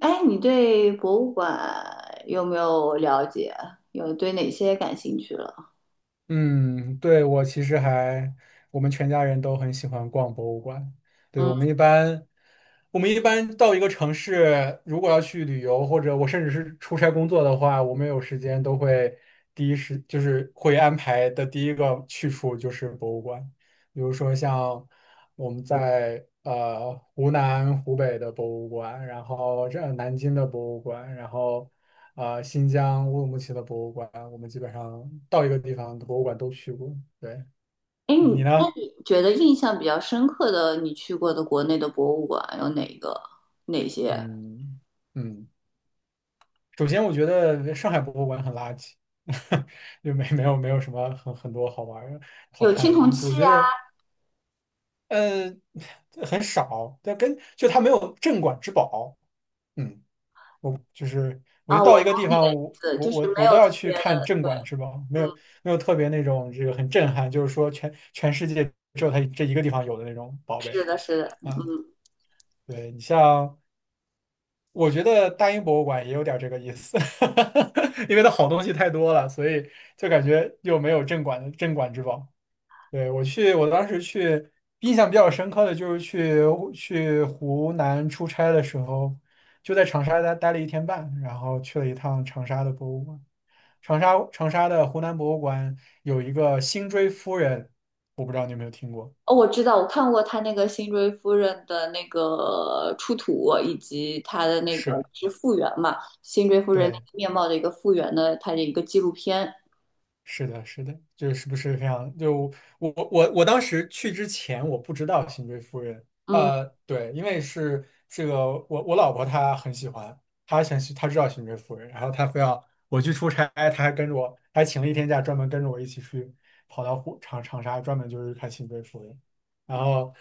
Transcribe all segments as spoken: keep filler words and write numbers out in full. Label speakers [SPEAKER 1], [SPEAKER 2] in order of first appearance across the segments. [SPEAKER 1] 哎，你对博物馆有没有了解？有对哪些感兴趣了？
[SPEAKER 2] 嗯，对，我其实还，我们全家人都很喜欢逛博物馆。对，
[SPEAKER 1] 嗯。
[SPEAKER 2] 我们一般，我们一般到一个城市，如果要去旅游，或者我甚至是出差工作的话，我们有时间都会第一时就是会安排的第一个去处就是博物馆。比如说像我们在呃湖南、湖北的博物馆，然后这呃南京的博物馆，然后啊、新疆乌鲁木齐的博物馆，我们基本上到一个地方的博物馆都去过。对，
[SPEAKER 1] 哎，
[SPEAKER 2] 你
[SPEAKER 1] 你
[SPEAKER 2] 你
[SPEAKER 1] 那
[SPEAKER 2] 呢？
[SPEAKER 1] 你觉得印象比较深刻的，你去过的国内的博物馆有哪个？哪些？
[SPEAKER 2] 嗯嗯，首先我觉得上海博物馆很垃圾，就没没有没有什么很很多好玩儿好
[SPEAKER 1] 有
[SPEAKER 2] 看
[SPEAKER 1] 青
[SPEAKER 2] 的
[SPEAKER 1] 铜
[SPEAKER 2] 东西。我
[SPEAKER 1] 器
[SPEAKER 2] 觉
[SPEAKER 1] 啊？
[SPEAKER 2] 得呃很少，但跟就它没有镇馆之宝。嗯。就是我就
[SPEAKER 1] 啊，
[SPEAKER 2] 到
[SPEAKER 1] 我
[SPEAKER 2] 一
[SPEAKER 1] 懂
[SPEAKER 2] 个地
[SPEAKER 1] 你的
[SPEAKER 2] 方，
[SPEAKER 1] 意
[SPEAKER 2] 我
[SPEAKER 1] 思，
[SPEAKER 2] 我
[SPEAKER 1] 就是
[SPEAKER 2] 我
[SPEAKER 1] 没
[SPEAKER 2] 我都
[SPEAKER 1] 有特
[SPEAKER 2] 要去
[SPEAKER 1] 别
[SPEAKER 2] 看
[SPEAKER 1] 的。
[SPEAKER 2] 镇
[SPEAKER 1] 对。
[SPEAKER 2] 馆之宝，没
[SPEAKER 1] 嗯。
[SPEAKER 2] 有没有特别那种这个很震撼，就是说全全世界只有它这一个地方有的那种宝贝
[SPEAKER 1] 是的，是的，
[SPEAKER 2] 啊。
[SPEAKER 1] 嗯。
[SPEAKER 2] 对你像，我觉得大英博物馆也有点这个意思，因为它好东西太多了，所以就感觉又没有镇馆的镇馆之宝。对，我去，我当时去，印象比较深刻的就是去去湖南出差的时候，就在长沙待待了一天半，然后去了一趟长沙的博物馆。长沙长沙的湖南博物馆有一个辛追夫人，我不知道你有没有听过？
[SPEAKER 1] 哦，我知道，我看过他那个辛追夫人的那个出土，以及他的那个
[SPEAKER 2] 是，
[SPEAKER 1] 是复原嘛，辛追夫人那
[SPEAKER 2] 对。
[SPEAKER 1] 个面貌的一个复原的，他的一个纪录片。
[SPEAKER 2] 是的，是的，就是不是这样？就我我我当时去之前，我不知道《新追夫人》。
[SPEAKER 1] 嗯。
[SPEAKER 2] 呃，对，因为是这个，我我老婆她很喜欢，她想去，她知道《新追夫人》，然后她非要我去出差，她还跟着我，还请了一天假，专门跟着我一起去跑到湖长长沙，专门就是看《新追夫人》。然后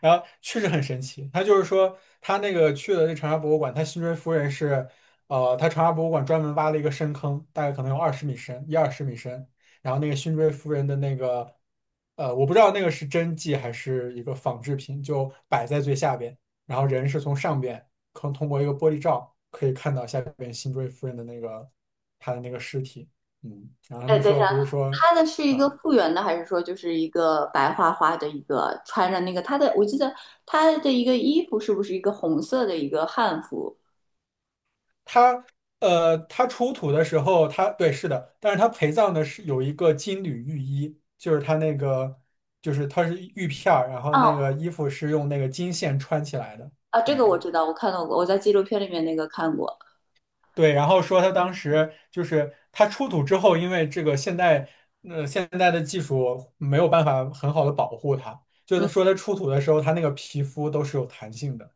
[SPEAKER 2] 然后确实很神奇，他就是说他那个去的这长沙博物馆，他辛追夫人是，呃，他长沙博物馆专门挖了一个深坑，大概可能有二十米深，一二十米深。然后那个辛追夫人的那个，呃，我不知道那个是真迹还是一个仿制品，就摆在最下边，然后人是从上边，可通过一个玻璃罩可以看到下边辛追夫人的那个他的那个尸体。嗯，然后他
[SPEAKER 1] 哎，
[SPEAKER 2] 们
[SPEAKER 1] 等一
[SPEAKER 2] 说
[SPEAKER 1] 下，
[SPEAKER 2] 不是说。
[SPEAKER 1] 他的是一个
[SPEAKER 2] 啊。
[SPEAKER 1] 复原的，还是说就是一个白花花的一个穿着那个他的？我记得他的一个衣服是不是一个红色的一个汉服？
[SPEAKER 2] 他呃，他出土的时候，他对是的，但是他陪葬的是有一个金缕玉衣，就是他那个就是他是玉片儿，然后
[SPEAKER 1] 哦，
[SPEAKER 2] 那个衣服是用那个金线穿起来的。
[SPEAKER 1] 啊，这
[SPEAKER 2] 嗯
[SPEAKER 1] 个我知道，我看到过，我在纪录片里面那个看过。
[SPEAKER 2] 对，然后说他当时就是他出土之后，因为这个现代呃现代的技术没有办法很好的保护它，就
[SPEAKER 1] 嗯。
[SPEAKER 2] 是说他出土的时候，他那个皮肤都是有弹性的。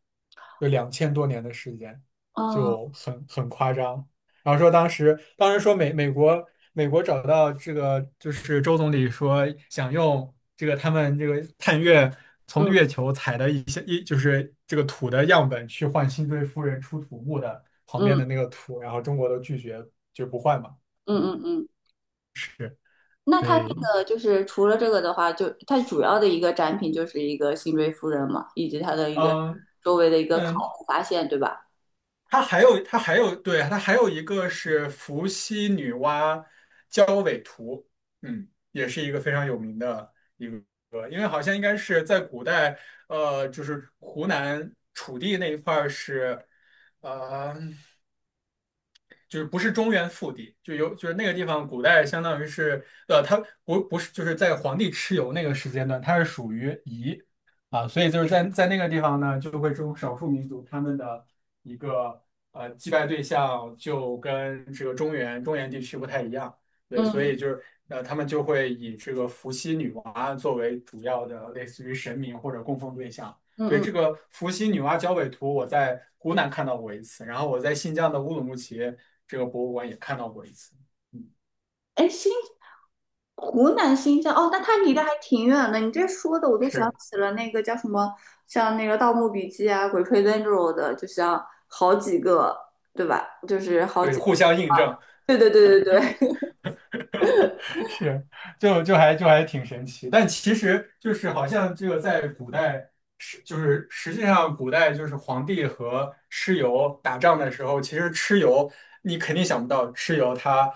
[SPEAKER 2] 有两千多年的时间，
[SPEAKER 1] 哦。
[SPEAKER 2] 就很很夸张。然后说当时，当时说美美国美国找到这个就是周总理说想用这个他们这个探月从
[SPEAKER 1] 嗯
[SPEAKER 2] 月球采的一些一就是这个土的样本去换辛追夫人出土墓的旁边
[SPEAKER 1] 嗯
[SPEAKER 2] 的那个土，然后中国都拒绝就不换嘛。
[SPEAKER 1] 嗯
[SPEAKER 2] 嗯，
[SPEAKER 1] 嗯嗯。
[SPEAKER 2] 是，
[SPEAKER 1] 那他那
[SPEAKER 2] 对，
[SPEAKER 1] 个就是除了这个的话，就他主要的一个展品就是一个辛追夫人嘛，以及他的一个
[SPEAKER 2] 嗯
[SPEAKER 1] 周围的一个考
[SPEAKER 2] 嗯，
[SPEAKER 1] 古发现，对吧？
[SPEAKER 2] 它还有它还有对，它还有一个是伏羲女娲交尾图，嗯，也是一个非常有名的，呃，因为好像应该是在古代，呃，就是湖南楚地那一块儿是，呃，就是不是中原腹地，就有就是那个地方，古代相当于是呃，它不不是就是在皇帝蚩尤那个时间段，它是属于夷啊，所以就是在在那个地方呢，就会这种少数民族他们的一个呃祭拜对象就跟这个中原中原地区不太一样，对，所
[SPEAKER 1] 嗯
[SPEAKER 2] 以就是呃他们就会以这个伏羲女娲作为主要的类似于神明或者供奉对象。
[SPEAKER 1] 嗯
[SPEAKER 2] 对，
[SPEAKER 1] 嗯。
[SPEAKER 2] 这个伏羲女娲交尾图，我在湖南看到过一次，然后我在新疆的乌鲁木齐这个博物馆也看到过一次。嗯，
[SPEAKER 1] 哎，辛湖南新疆哦，那它离得还挺远的。你这说的我都想
[SPEAKER 2] 是，
[SPEAKER 1] 起了那个叫什么，像那个《盗墓笔记》啊，《鬼吹灯》这种的，就像好几个，对吧？就是好
[SPEAKER 2] 对，
[SPEAKER 1] 几个，
[SPEAKER 2] 互相印证。
[SPEAKER 1] 对对对对对。
[SPEAKER 2] 是，就就还就还挺神奇，但其实就是好像这个在古代是就是实际上古代就是皇帝和蚩尤打仗的时候，其实蚩尤你肯定想不到蚩尤他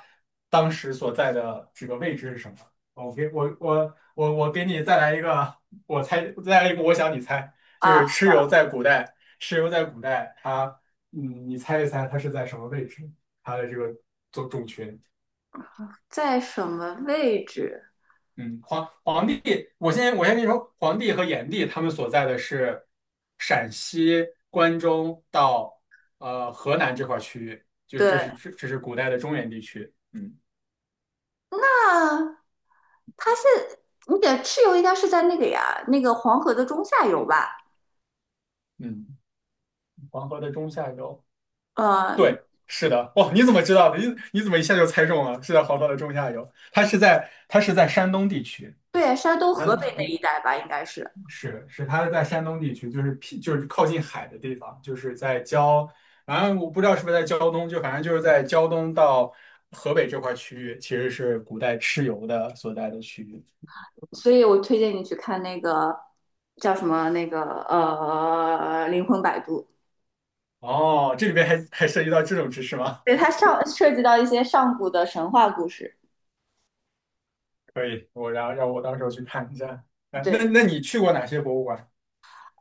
[SPEAKER 2] 当时所在的这个位置是什么。我给我我我我给你再来一个，我猜再来一个，我想你猜，就
[SPEAKER 1] 啊，
[SPEAKER 2] 是蚩尤在古代，蚩尤在古代他嗯，你猜一猜他是在什么位置？他的这个种种群。
[SPEAKER 1] 在什么位置？
[SPEAKER 2] 嗯，皇皇帝，我先我先跟你说，皇帝和炎帝他们所在的是陕西关中到呃河南这块区域，就是
[SPEAKER 1] 对，
[SPEAKER 2] 这是这这是古代的中原地区。嗯
[SPEAKER 1] 那它是你的蚩尤应该是在那个呀，那个黄河的中下游吧？
[SPEAKER 2] 嗯，黄河的中下游。
[SPEAKER 1] 嗯，
[SPEAKER 2] 对，是的。哇，你怎么知道的？你你怎么一下就猜中了？是在黄河的中下游，它是在它是在山东地区。
[SPEAKER 1] 对，山东、河
[SPEAKER 2] 嗯，
[SPEAKER 1] 北那一带吧，应该是。
[SPEAKER 2] 是是，他是在山东地区，就是僻就是靠近海的地方，就是在胶，反正我不知道是不是在胶东，就反正就是在胶东到河北这块区域，其实是古代蚩尤的所在的区域。
[SPEAKER 1] 所以我推荐你去看那个叫什么那个呃《灵魂摆渡》，
[SPEAKER 2] 哦，这里边还还涉及到这种知识吗？
[SPEAKER 1] 对，它上涉及到一些上古的神话故事。
[SPEAKER 2] 可以，我然后让我到时候去看一下。哎，那
[SPEAKER 1] 对，
[SPEAKER 2] 那你去过哪些博物馆？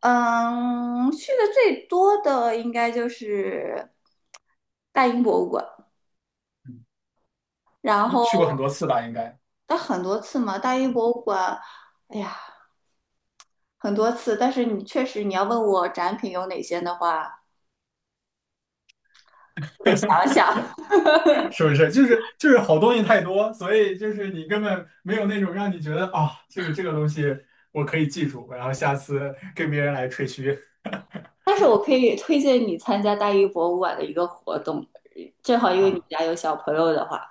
[SPEAKER 1] 嗯，去的最多的应该就是大英博物馆，然
[SPEAKER 2] 你
[SPEAKER 1] 后
[SPEAKER 2] 去过很多次吧，应该。
[SPEAKER 1] 但很多次嘛，大英博物馆，哎呀，很多次。但是你确实你要问我展品有哪些的话，得想想。
[SPEAKER 2] 是不是？就是就是好东西太多，所以就是你根本没有那种让你觉得啊，这个这个东西我可以记住，然后下次跟别人来吹嘘
[SPEAKER 1] 但是我可以推荐你参加大英博物馆的一个活动，正好因为你
[SPEAKER 2] 啊，
[SPEAKER 1] 家有小朋友的话，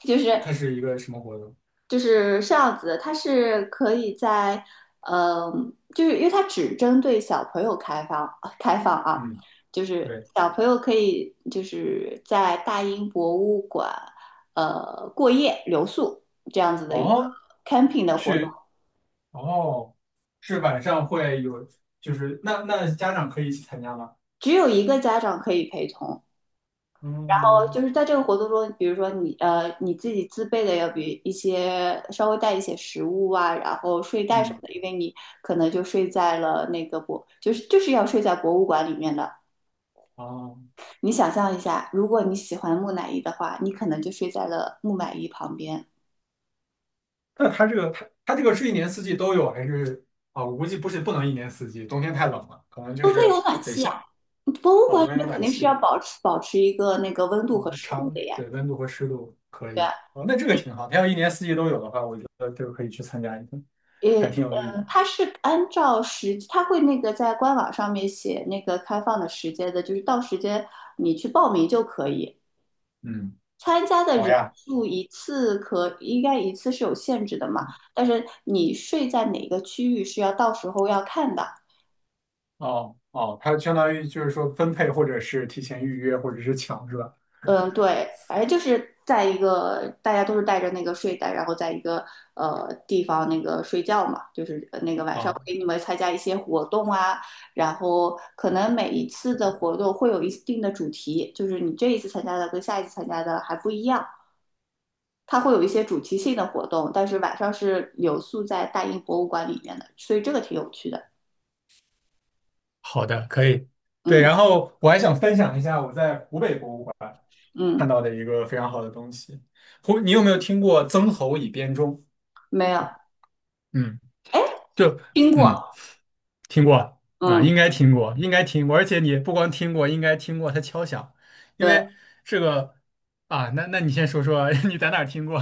[SPEAKER 1] 就是
[SPEAKER 2] 它是一个什么活动？
[SPEAKER 1] 就是这样子，它是可以在，嗯、就是因为它只针对小朋友开放开放啊，
[SPEAKER 2] 嗯，
[SPEAKER 1] 就是
[SPEAKER 2] 对，
[SPEAKER 1] 小朋友可以就是在大英博物馆呃过夜留宿这样子的一个
[SPEAKER 2] 哦，
[SPEAKER 1] camping 的活动，
[SPEAKER 2] 是哦，是晚上会有，就是那那家长可以一起参加吗？
[SPEAKER 1] 只有一个家长可以陪同，哦，
[SPEAKER 2] 嗯
[SPEAKER 1] 就是在这个活动中，比如说你呃你自己自备的要比一些稍微带一些食物啊，然后睡袋什么
[SPEAKER 2] 嗯，
[SPEAKER 1] 的，因为你可能就睡在了那个博，就是就是要睡在博物馆里面的。
[SPEAKER 2] 哦，
[SPEAKER 1] 你想象一下，如果你喜欢木乃伊的话，你可能就睡在了木乃伊旁边。
[SPEAKER 2] 那它这个它它这个是一年四季都有还是啊？我估计不是不能一年四季，冬天太冷了，可能就
[SPEAKER 1] 冬天
[SPEAKER 2] 是
[SPEAKER 1] 有暖
[SPEAKER 2] 得
[SPEAKER 1] 气
[SPEAKER 2] 夏
[SPEAKER 1] 呀，博物
[SPEAKER 2] 哦，
[SPEAKER 1] 馆里
[SPEAKER 2] 冬天有
[SPEAKER 1] 面肯
[SPEAKER 2] 暖
[SPEAKER 1] 定是要
[SPEAKER 2] 气。
[SPEAKER 1] 保持保持一个那个温度和
[SPEAKER 2] 嗯，
[SPEAKER 1] 湿度
[SPEAKER 2] 长，
[SPEAKER 1] 的呀。
[SPEAKER 2] 对，温度和湿度可
[SPEAKER 1] 对。
[SPEAKER 2] 以。哦，那这个挺好。它要一年四季都有的话，我觉得就可以去参加一个，
[SPEAKER 1] 也，
[SPEAKER 2] 还挺有意义。
[SPEAKER 1] 呃，它是按照时，它会那个在官网上面写那个开放的时间的，就是到时间你去报名就可以。
[SPEAKER 2] 嗯，
[SPEAKER 1] 参加的
[SPEAKER 2] 好
[SPEAKER 1] 人
[SPEAKER 2] 呀。
[SPEAKER 1] 数一次可应该一次是有限制的嘛，但是你睡在哪个区域是要到时候要看的。
[SPEAKER 2] 哦哦，它相当于就是说分配，或者是提前预约，或者是抢，是吧？
[SPEAKER 1] 嗯，对，反正就是在一个大家都是带着那个睡袋，然后在一个呃地方那个睡觉嘛，就是呃那个晚上
[SPEAKER 2] 啊，
[SPEAKER 1] 给你们参加一些活动啊，然后可能每一次的活动会有一定的主题，就是你这一次参加的跟下一次参加的还不一样，它会有一些主题性的活动，但是晚上是留宿在大英博物馆里面的，所以这个挺有趣的。
[SPEAKER 2] 好的，可以。对，
[SPEAKER 1] 嗯
[SPEAKER 2] 然后我还想分享一下我在湖北博物馆看
[SPEAKER 1] 嗯。
[SPEAKER 2] 到的一个非常好的东西。湖，你有没有听过曾侯乙编钟？
[SPEAKER 1] 没有。
[SPEAKER 2] 嗯，
[SPEAKER 1] 哎，
[SPEAKER 2] 就
[SPEAKER 1] 听过。
[SPEAKER 2] 嗯。听过啊，
[SPEAKER 1] 嗯。
[SPEAKER 2] 应该听过，应该听过，而且你不光听过，应该听过它敲响，因
[SPEAKER 1] 对。
[SPEAKER 2] 为这个啊，那那你先说说 你在哪儿听过？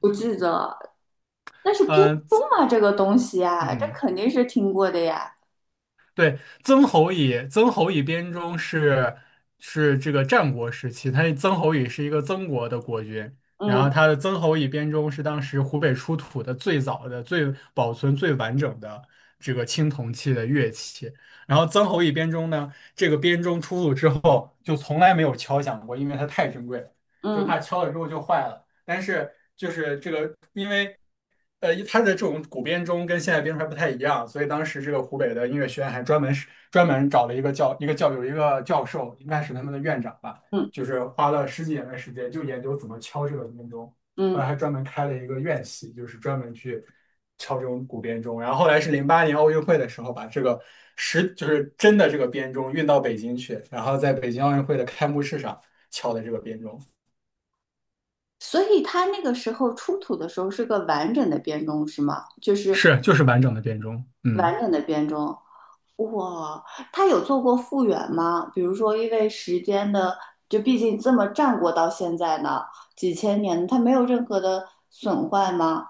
[SPEAKER 1] 不记得了。但是 编
[SPEAKER 2] 嗯、
[SPEAKER 1] 钟啊，这个东西啊，这
[SPEAKER 2] 嗯。
[SPEAKER 1] 肯定是听过的呀。
[SPEAKER 2] 对，曾侯乙，曾侯乙编钟是是这个战国时期，他曾侯乙是一个曾国的国君，然后
[SPEAKER 1] 嗯
[SPEAKER 2] 他的曾侯乙编钟是当时湖北出土的最早的、最保存最完整的这个青铜器的乐器。然后曾侯乙编钟呢，这个编钟出土之后就从来没有敲响过，因为它太珍贵了，就
[SPEAKER 1] 嗯
[SPEAKER 2] 怕敲了之后就坏了。但是就是这个，因为呃，它的这种古编钟跟现在编钟还不太一样，所以当时这个湖北的音乐学院还专门是专门找了一个教一个教有一个教授，应该是他们的院长吧，
[SPEAKER 1] 嗯
[SPEAKER 2] 就是花了十几年的时间就研究怎么敲这个编钟，后来
[SPEAKER 1] 嗯。
[SPEAKER 2] 还专门开了一个院系，就是专门去敲这种古编钟。然后后来是零八年奥运会的时候，把这个实就是真的这个编钟运到北京去，然后在北京奥运会的开幕式上敲的这个编钟。
[SPEAKER 1] 所以它那个时候出土的时候是个完整的编钟是吗？就是
[SPEAKER 2] 是，就是完整的编钟。嗯，
[SPEAKER 1] 完整的编钟。哇，它有做过复原吗？比如说，因为时间的，就毕竟这么战国到现在呢，几千年，它没有任何的损坏吗？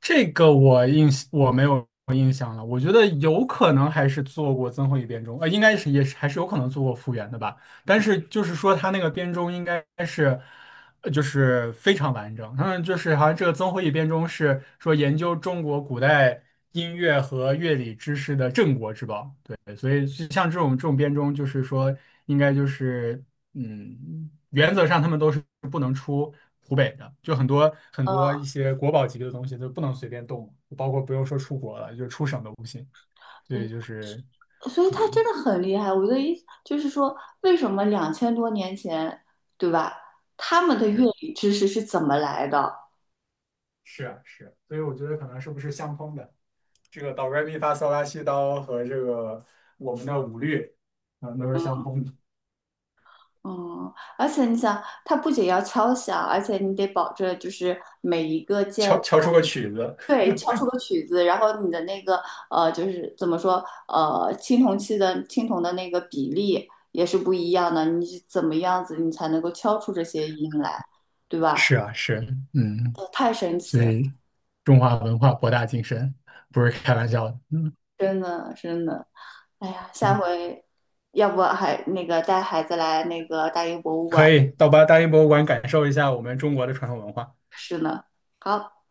[SPEAKER 2] 这个我印我没有印象了。我觉得有可能还是做过曾侯乙编钟，呃，应该是也是还是有可能做过复原的吧。但是就是说他那个编钟应该是，呃就是非常完整。嗯，就是好像这个曾侯乙编钟是说研究中国古代音乐和乐理知识的镇国之宝。对，所以像这种这种编钟，就是说应该就是。嗯，原则上他们都是不能出湖北的，就很多很多
[SPEAKER 1] 嗯。
[SPEAKER 2] 一些国宝级的东西都不能随便动，包括不用说出国了，就出省都不行。所以就是，
[SPEAKER 1] 所以他真
[SPEAKER 2] 嗯，
[SPEAKER 1] 的很厉害。我的意思就是说，为什么两千多年前，对吧？他们的乐
[SPEAKER 2] 是
[SPEAKER 1] 理知识是怎么来的？
[SPEAKER 2] 是啊是，所以我觉得可能是不是相通的，这个哆来咪发嗦拉西哆和这个我们的五律，嗯，都是相通的，
[SPEAKER 1] 嗯，而且你想，它不仅要敲响，而且你得保证就是每一个键，
[SPEAKER 2] 敲敲出个曲子。
[SPEAKER 1] 对，敲出个曲子，然后你的那个呃，就是怎么说呃，青铜器的青铜的那个比例也是不一样的，你是怎么样子你才能够敲出这些音来，对
[SPEAKER 2] 是
[SPEAKER 1] 吧？
[SPEAKER 2] 啊是，嗯，
[SPEAKER 1] 呃太神奇
[SPEAKER 2] 所
[SPEAKER 1] 了，
[SPEAKER 2] 以中华文化博大精深，不是开玩笑的。嗯。
[SPEAKER 1] 真的真的。哎呀，下回要不还那个带孩子来那个大英博物
[SPEAKER 2] 可
[SPEAKER 1] 馆
[SPEAKER 2] 以到八大英博物馆感受一下我们中国的传统文化。
[SPEAKER 1] 是呢。好。